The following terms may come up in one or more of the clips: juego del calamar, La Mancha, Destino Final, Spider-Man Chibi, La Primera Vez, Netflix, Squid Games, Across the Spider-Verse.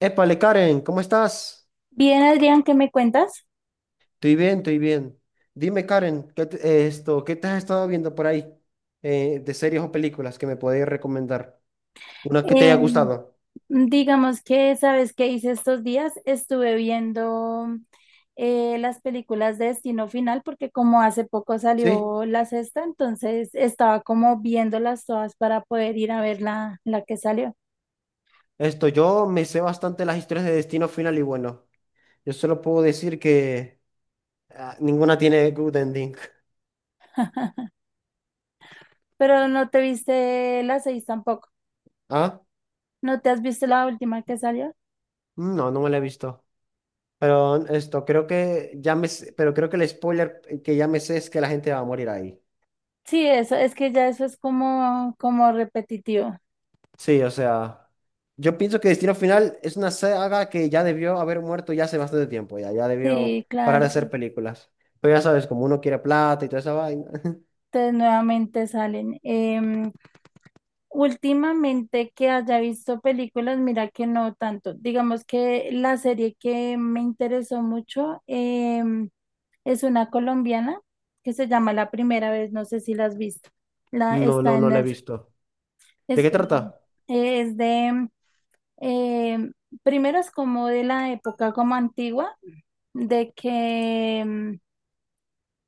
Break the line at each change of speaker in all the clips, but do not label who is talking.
Épale, Karen, ¿cómo estás?
Bien, Adrián, ¿qué me cuentas?
Estoy bien, estoy bien. Dime, Karen, ¿ qué te has estado viendo por ahí de series o películas que me podéis recomendar? Una que te haya
Eh,
gustado.
digamos que, ¿sabes qué hice estos días? Estuve viendo las películas de Destino Final porque como hace poco
Sí,
salió la sexta, entonces estaba como viéndolas todas para poder ir a ver la que salió.
yo me sé bastante las historias de Destino Final y bueno, yo solo puedo decir que ninguna tiene good ending.
Pero no te viste la seis tampoco.
¿Ah?
¿No te has visto la última que salió?
Mm, no, no me la he visto. Pero creo que pero creo que el spoiler que ya me sé es que la gente va a morir ahí.
Sí, eso, es que ya eso es como, como repetitivo.
Sí, o sea, yo pienso que Destino Final es una saga que ya debió haber muerto ya hace bastante tiempo, ya debió
Sí,
parar de
claro.
hacer películas. Pero ya sabes, como uno quiere plata y toda esa vaina.
Entonces nuevamente salen. Últimamente que haya visto películas, mira que no tanto. Digamos que la serie que me interesó mucho em, es una colombiana que se llama La Primera Vez, no sé si la has visto. La,
No,
está
no,
en
no la he
Netflix,
visto. ¿De
es,
qué trata?
es de, em, primero es como de la época como antigua, de que em,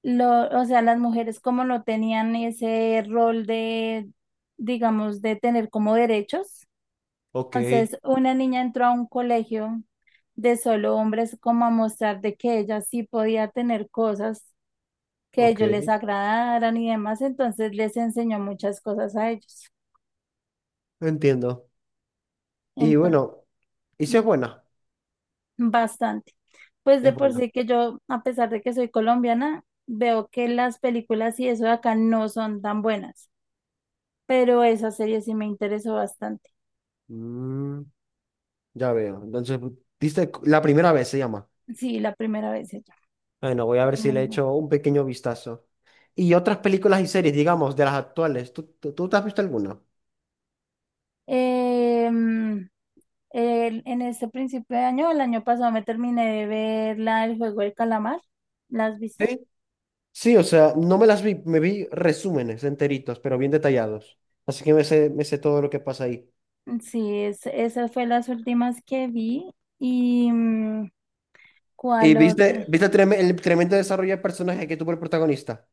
lo, o sea, las mujeres como no tenían ese rol de, digamos, de tener como derechos.
Ok,
Entonces, una niña entró a un colegio de solo hombres como a mostrar de que ella sí podía tener cosas que a
ok,
ellos les agradaran y demás, entonces les enseñó muchas cosas a ellos.
entiendo. Y
Entonces,
bueno, ¿y si es
di-
buena?
bastante. Pues de
Es
por
buena.
sí que yo, a pesar de que soy colombiana, veo que las películas y eso de acá no son tan buenas, pero esa serie sí me interesó bastante.
Mm, ya veo. Entonces, viste, la primera vez se llama.
Sí, la primera vez ella.
Bueno, voy a
Es
ver si
muy
le
buena.
echo un pequeño vistazo. Y otras películas y series, digamos, de las actuales, ¿tú te has visto alguna?
Em, en este principio de año, el año pasado me terminé de ver la del juego del calamar. ¿La has visto?
Sí. Sí, o sea, no me las vi, me vi resúmenes enteritos, pero bien detallados. Así que me sé todo lo que pasa ahí.
Sí, es, esas fue las últimas que vi. ¿Y
¿Y
cuál otra?
el tremendo desarrollo de personaje que tuvo el protagonista?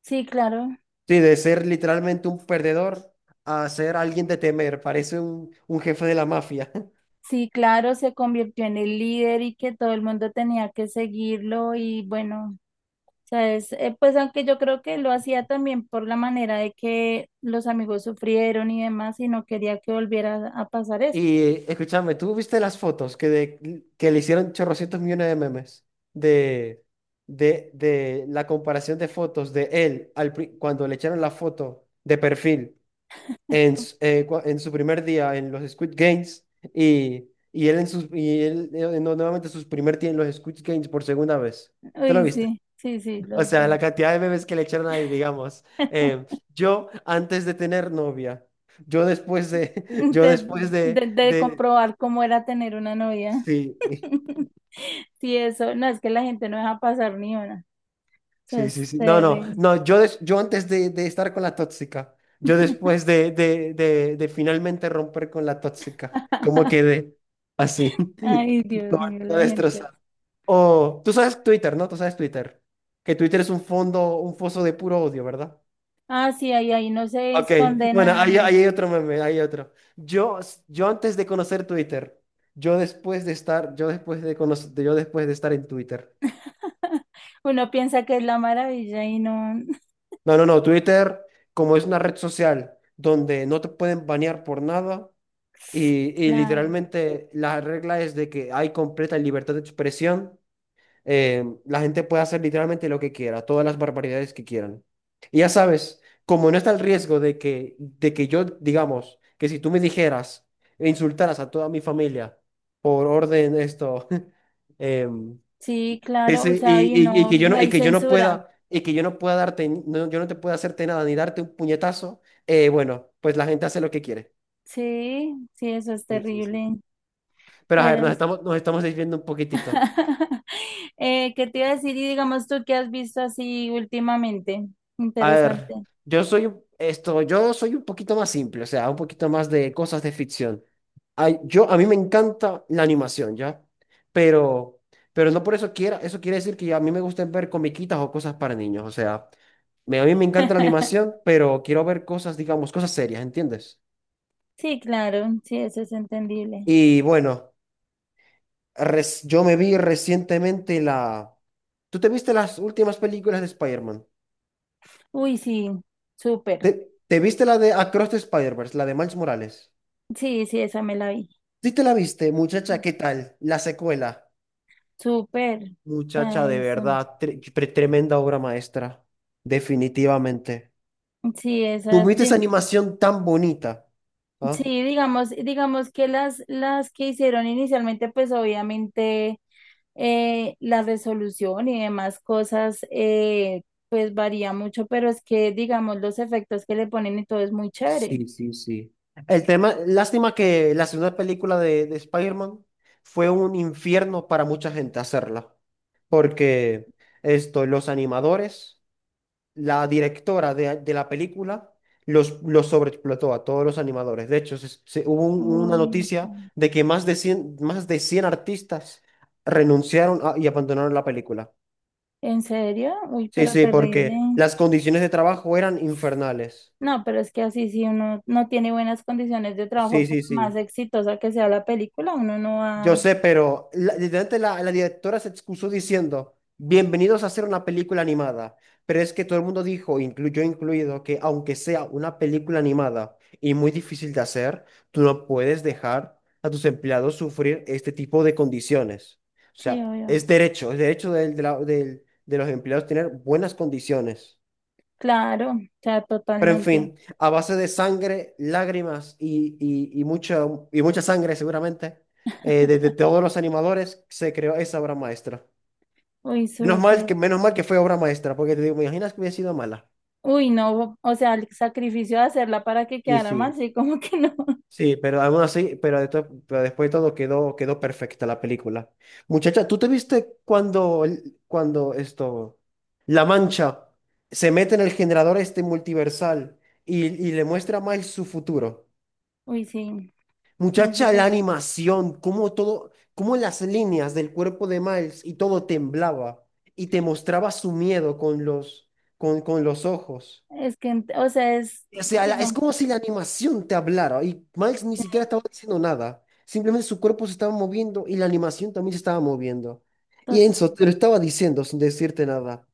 Sí, claro.
Sí, de ser literalmente un perdedor a ser alguien de temer, parece un jefe de la mafia.
Sí, claro, se convirtió en el líder y que todo el mundo tenía que seguirlo y bueno, sabes. Pues aunque yo creo que lo hacía también por la manera de que los amigos sufrieron y demás y no quería que volviera a pasar eso.
Y escúchame, ¿tú viste las fotos que le hicieron chorrocientos millones de memes de, de la comparación de fotos de él cuando le echaron la foto de perfil? En su primer día en los Squid Games y él en sus y él no, nuevamente sus primer día en los Squid Games por segunda vez. ¿Te lo
Uy,
viste?
sí, sí, sí,
O
los
sea, la
vi.
cantidad de bebés que le echaron ahí, digamos. Yo antes de tener novia, yo después de, yo
de,
después
de
de,
comprobar cómo era tener una novia.
sí.
Sí, eso, no, es que la gente no deja pasar ni una. Eso
Sí, sí,
es
sí. No, no,
terrible.
no. Yo, yo antes de estar con la tóxica, yo después de finalmente romper con la tóxica, ¿cómo quedé? Así.
Ay, Dios
No,
mío,
no
la gente.
destrozado. O, tú sabes Twitter, ¿no? Tú sabes Twitter. Que Twitter es un fondo, un foso de puro odio, ¿verdad?
Ah, sí, ahí, ahí no se
Ok,
esconde
bueno,
nada
ahí,
ni
ahí hay
nada.
otro meme, ahí hay otro. Yo, yo antes de conocer Twitter, yo después de estar, yo después de conocer, yo después de estar en Twitter.
Uno piensa que es la maravilla y no.
No, no, no. Twitter, como es una red social donde no te pueden banear por nada y, y
Claro,
literalmente la regla es de que hay completa libertad de expresión, la gente puede hacer literalmente lo que quiera, todas las barbaridades que quieran. Y ya sabes, como no está el riesgo de que yo, digamos, que si tú me dijeras e insultaras a toda mi familia por orden esto, em,
sí, claro, o sea,
y,
y
y
no,
que yo
no
no,
hay censura.
y que yo no pueda darte, no, yo no te pueda hacerte nada ni darte un puñetazo, bueno, pues la gente hace lo que quiere.
Sí, sí, eso es
Sí, sí, sí.
terrible.
Pero a ver,
Pero
nos estamos desviando un poquitito.
¿Qué te iba a decir? Y digamos tú, ¿qué has visto así últimamente?
A ver,
Interesante.
yo soy yo soy un poquito más simple, o sea, un poquito más de cosas de ficción. Ay, yo, a mí me encanta la animación, ¿ya? Pero, pero no por eso eso quiere decir que a mí me gusten ver comiquitas o cosas para niños, o sea, a mí me encanta la animación, pero quiero ver cosas, digamos, cosas serias, ¿entiendes?
Sí, claro, sí, eso es entendible.
Y bueno, yo me vi recientemente la... ¿Tú te viste las últimas películas de Spider-Man?
Uy, sí, súper.
¿Te viste la de Across the Spider-Verse, la de Miles Morales?
Sí, sí, esa me la vi.
Sí te la viste, muchacha, ¿qué tal? La secuela.
Súper. O
Muchacha,
sea,
de verdad, tremenda obra maestra. Definitivamente.
sí, esas,
Tuviste esa animación tan bonita. ¿Ah?
sí, digamos, digamos que las que hicieron inicialmente, pues obviamente la resolución y demás cosas, pues varía mucho, pero es que, digamos, los efectos que le ponen y todo es muy chévere.
Sí, sí, sí. El tema, lástima que la segunda película de Spider-Man fue un infierno para mucha gente hacerla. Porque los animadores. La directora de la película los sobreexplotó a todos los animadores. De hecho, hubo una
Uy,
noticia
ok.
de que más de 100 artistas renunciaron y abandonaron la película.
¿En serio? Uy,
Sí,
pero
sí,
terrible.
porque las condiciones de trabajo eran infernales.
No, pero es que así si uno no tiene buenas condiciones de trabajo,
Sí,
por
sí,
más
sí.
exitosa que sea la película, uno no
Yo
va...
sé, pero literalmente la directora se excusó diciendo, bienvenidos a hacer una película animada. Pero es que todo el mundo dijo, yo incluido, que aunque sea una película animada y muy difícil de hacer, tú no puedes dejar a tus empleados sufrir este tipo de condiciones. O
Sí,
sea,
obvio.
es derecho de los empleados tener buenas condiciones.
Claro, o sea,
Pero en fin,
totalmente.
a base de sangre, lágrimas y mucha sangre seguramente, de todos los animadores se creó esa obra maestra.
Uy, súper.
Menos mal que fue obra maestra, porque te digo, me imaginas que hubiera sido mala.
Uy, no, o sea, el sacrificio de hacerla para que
Sí,
quedara mal,
sí.
sí, como que no.
Sí, pero aún así, pero, pero después de todo quedó, quedó perfecta la película. Muchacha, ¿tú te viste cuando, cuando La Mancha se mete en el generador este multiversal y le muestra a Miles su futuro?
Uy, sí, no sé,
Muchacha, la
pues.
animación, cómo todo, cómo las líneas del cuerpo de Miles y todo temblaba y te mostraba su miedo con los, con los ojos.
Es que, o sea, es,
O sea, es
digamos,
como si la animación te hablara y Miles ni
sí,
siquiera estaba diciendo nada. Simplemente su cuerpo se estaba moviendo y la animación también se estaba moviendo. Y Enzo
total.
te lo estaba diciendo sin decirte nada.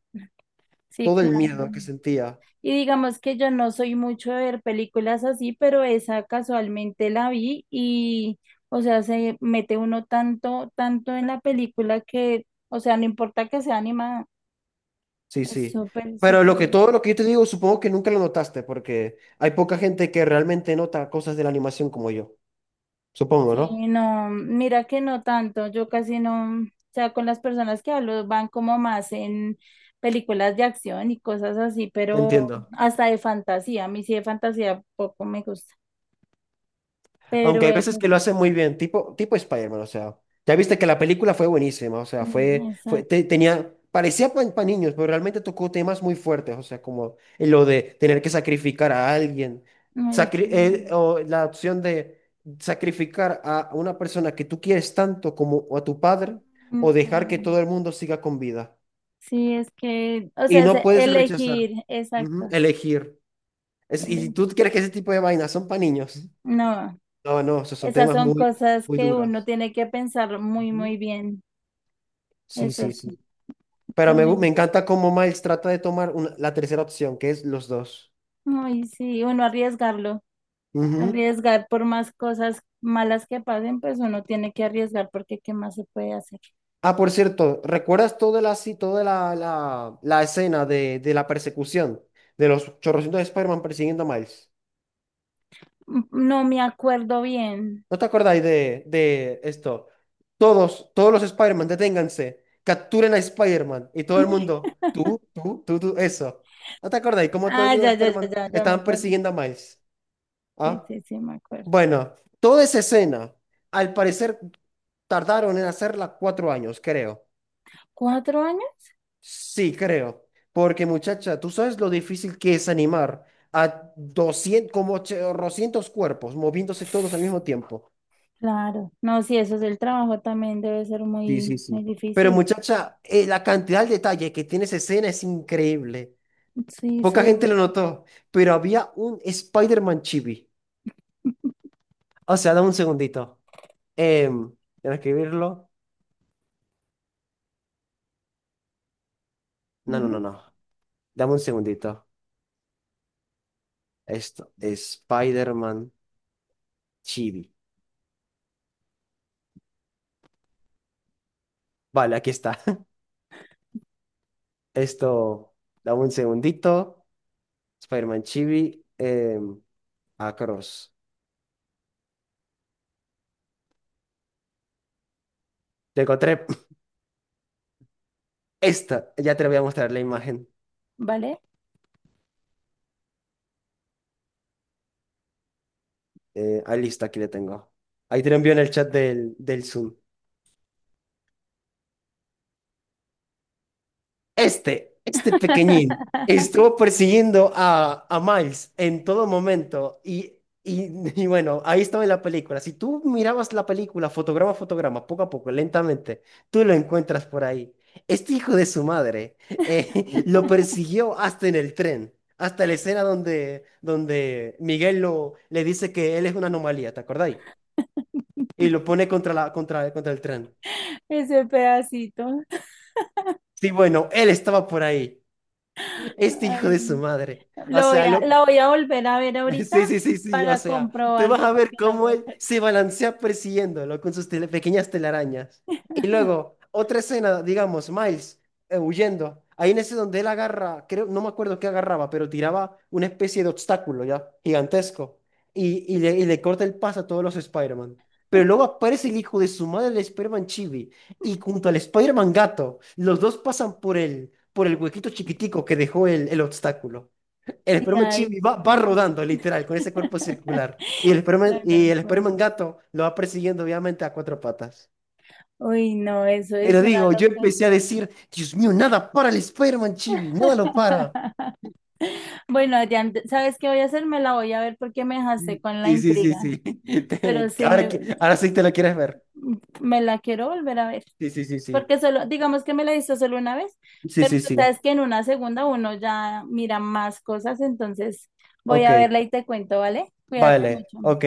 Sí,
Todo el
claro.
miedo que sentía.
Y digamos que yo no soy mucho de ver películas así, pero esa casualmente la vi y, o sea, se mete uno tanto, tanto en la película que, o sea, no importa que sea animada,
Sí,
es
sí.
súper,
Pero
súper.
lo que todo lo que yo te digo, supongo que nunca lo notaste porque hay poca gente que realmente nota cosas de la animación como yo. Supongo,
Sí,
¿no?
no, mira que no tanto, yo casi no, o sea, con las personas que hablo van como más en películas de acción y cosas así, pero
Entiendo.
hasta de fantasía, a mí sí de fantasía poco me gusta,
Aunque
pero
hay
eso,
veces que lo
sí,
hacen muy bien, tipo Spider-Man, o sea. Ya viste que la película fue buenísima, o sea,
mm, exacto,
tenía, parecía para niños, pero realmente tocó temas muy fuertes, o sea, como lo de tener que sacrificar a alguien,
ay, sí,
o la opción de sacrificar a una persona que tú quieres tanto como a tu padre, o dejar que
no,
todo el mundo siga con vida.
sí, es que, o
Y
sea, es
no puedes rechazar,
elegir,
ujú,
exacto,
elegir. Y si
eh,
tú crees que ese tipo de vainas son para niños.
no,
No, no, esos son
esas
temas
son
muy,
cosas
muy
que uno
duros.
tiene que pensar muy,
Ujú.
muy bien,
Sí,
eso
sí,
sí,
sí. Pero
pero mira,
me encanta cómo Miles trata de tomar la tercera opción, que es los dos.
ay, sí, uno arriesgarlo.
Ujú.
Arriesgar por más cosas malas que pasen, pues uno tiene que arriesgar porque ¿qué más se puede hacer?
Ah, por cierto, ¿recuerdas toda sí, toda la escena de la persecución de los chorrocientos de Spider-Man persiguiendo a Miles?
Mm, no me acuerdo bien.
¿No te acordáis de esto? Todos, todos los Spider-Man, deténganse, capturen a Spider-Man y todo el mundo, tú, eso. ¿No te acordáis cómo todo el
Ah,
mundo de Spider-Man
ya me
estaban
acuerdo.
persiguiendo a Miles?
Sí,
¿Ah?
sí, sí, me acuerdo.
Bueno, toda esa escena, al parecer tardaron en hacerla 4 años, creo.
¿4 años?
Sí, creo. Porque muchacha, tú sabes lo difícil que es animar a 200 como 800 cuerpos moviéndose todos al mismo tiempo.
Claro. No, sí, eso es el trabajo también debe ser
Sí, sí,
muy, muy
sí. Pero
difícil.
muchacha, la cantidad de detalle que tiene esa escena es increíble.
Sí,
Poca gente
su...
lo notó, pero había un Spider-Man chibi. O sea, dame un segundito. Em, Déjame escribirlo. No, no,
Dime,
no, no. Dame un segundito. Esto, Spider-Man Chibi. Vale, aquí está. Esto, dame un segundito. Spider-Man Chibi, Across. Te encontré esta. Ya te voy a mostrar la imagen.
¿vale?
Listo, aquí la tengo. Ahí te lo envío en el chat del Zoom. Este pequeñín, estuvo persiguiendo a Miles en todo momento y, y bueno, ahí estaba en la película. Si tú mirabas la película fotograma a fotograma, poco a poco, lentamente, tú lo encuentras por ahí. Este hijo de su madre lo persiguió hasta en el tren, hasta la escena donde Miguel le dice que él es una anomalía, ¿te acordáis? Y lo pone contra el tren.
Ese pedacito.
Sí, bueno, él estaba por ahí. Este hijo
Ay,
de su madre.
no.
O
Lo voy
sea,
a,
lo,
la voy a volver a ver ahorita
sí, sí, sí, sí, o
para
sea, tú vas
comprobarlo
a ver
porque no
cómo
me
él
acuerdo.
se balancea persiguiéndolo con sus pequeñas telarañas. Y luego, otra escena, digamos, Miles huyendo. Ahí en ese donde él agarra, creo, no me acuerdo qué agarraba, pero tiraba una especie de obstáculo ya, gigantesco. Y, y le corta el paso a todos los Spider-Man. Pero luego aparece el hijo de su madre, el Spider-Man Chibi, y junto al Spider-Man gato, los dos pasan por por el huequito chiquitico que dejó el obstáculo. El
Y
esperma
ahí
chibi va
me-
rodando, literal, con ese cuerpo circular.
se
Y
me
el
cuenta.
esperma gato lo va persiguiendo, obviamente, a cuatro patas.
Uy, no, eso es
Pero
una
digo, yo
locura.
empecé a decir, Dios mío, nada para el esperma chibi, nada lo para.
Bueno, Adrián, ¿sabes qué voy a hacer? Me la voy a ver porque me dejaste con la
Sí, sí, sí,
intriga,
sí.
pero
Ahora, ahora sí te lo quieres ver.
me la quiero volver a ver.
Sí, sí, sí, sí.
Porque solo, digamos que me la hizo solo una vez,
Sí,
pero
sí,
tú
sí.
sabes que en una segunda uno ya mira más cosas, entonces voy
Ok,
a verla y te cuento, ¿vale? Cuídate
vale,
mucho.
ok.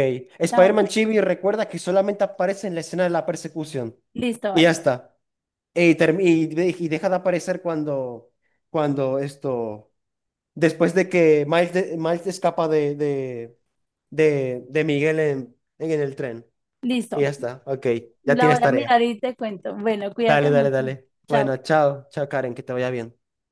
Chao.
Spider-Man Chibi recuerda que solamente aparece en la escena de la persecución.
Listo,
Y ya
vale.
está. Y y deja de aparecer cuando, cuando esto, después de que Miles, Miles escapa de, de Miguel en el tren. Y
Listo.
ya está, ok, ya
La voy
tienes
a
tarea.
mirar y te cuento. Bueno,
Dale,
cuídate
dale,
mucho.
dale.
Chao.
Bueno, chao, chao Karen, que te vaya bien.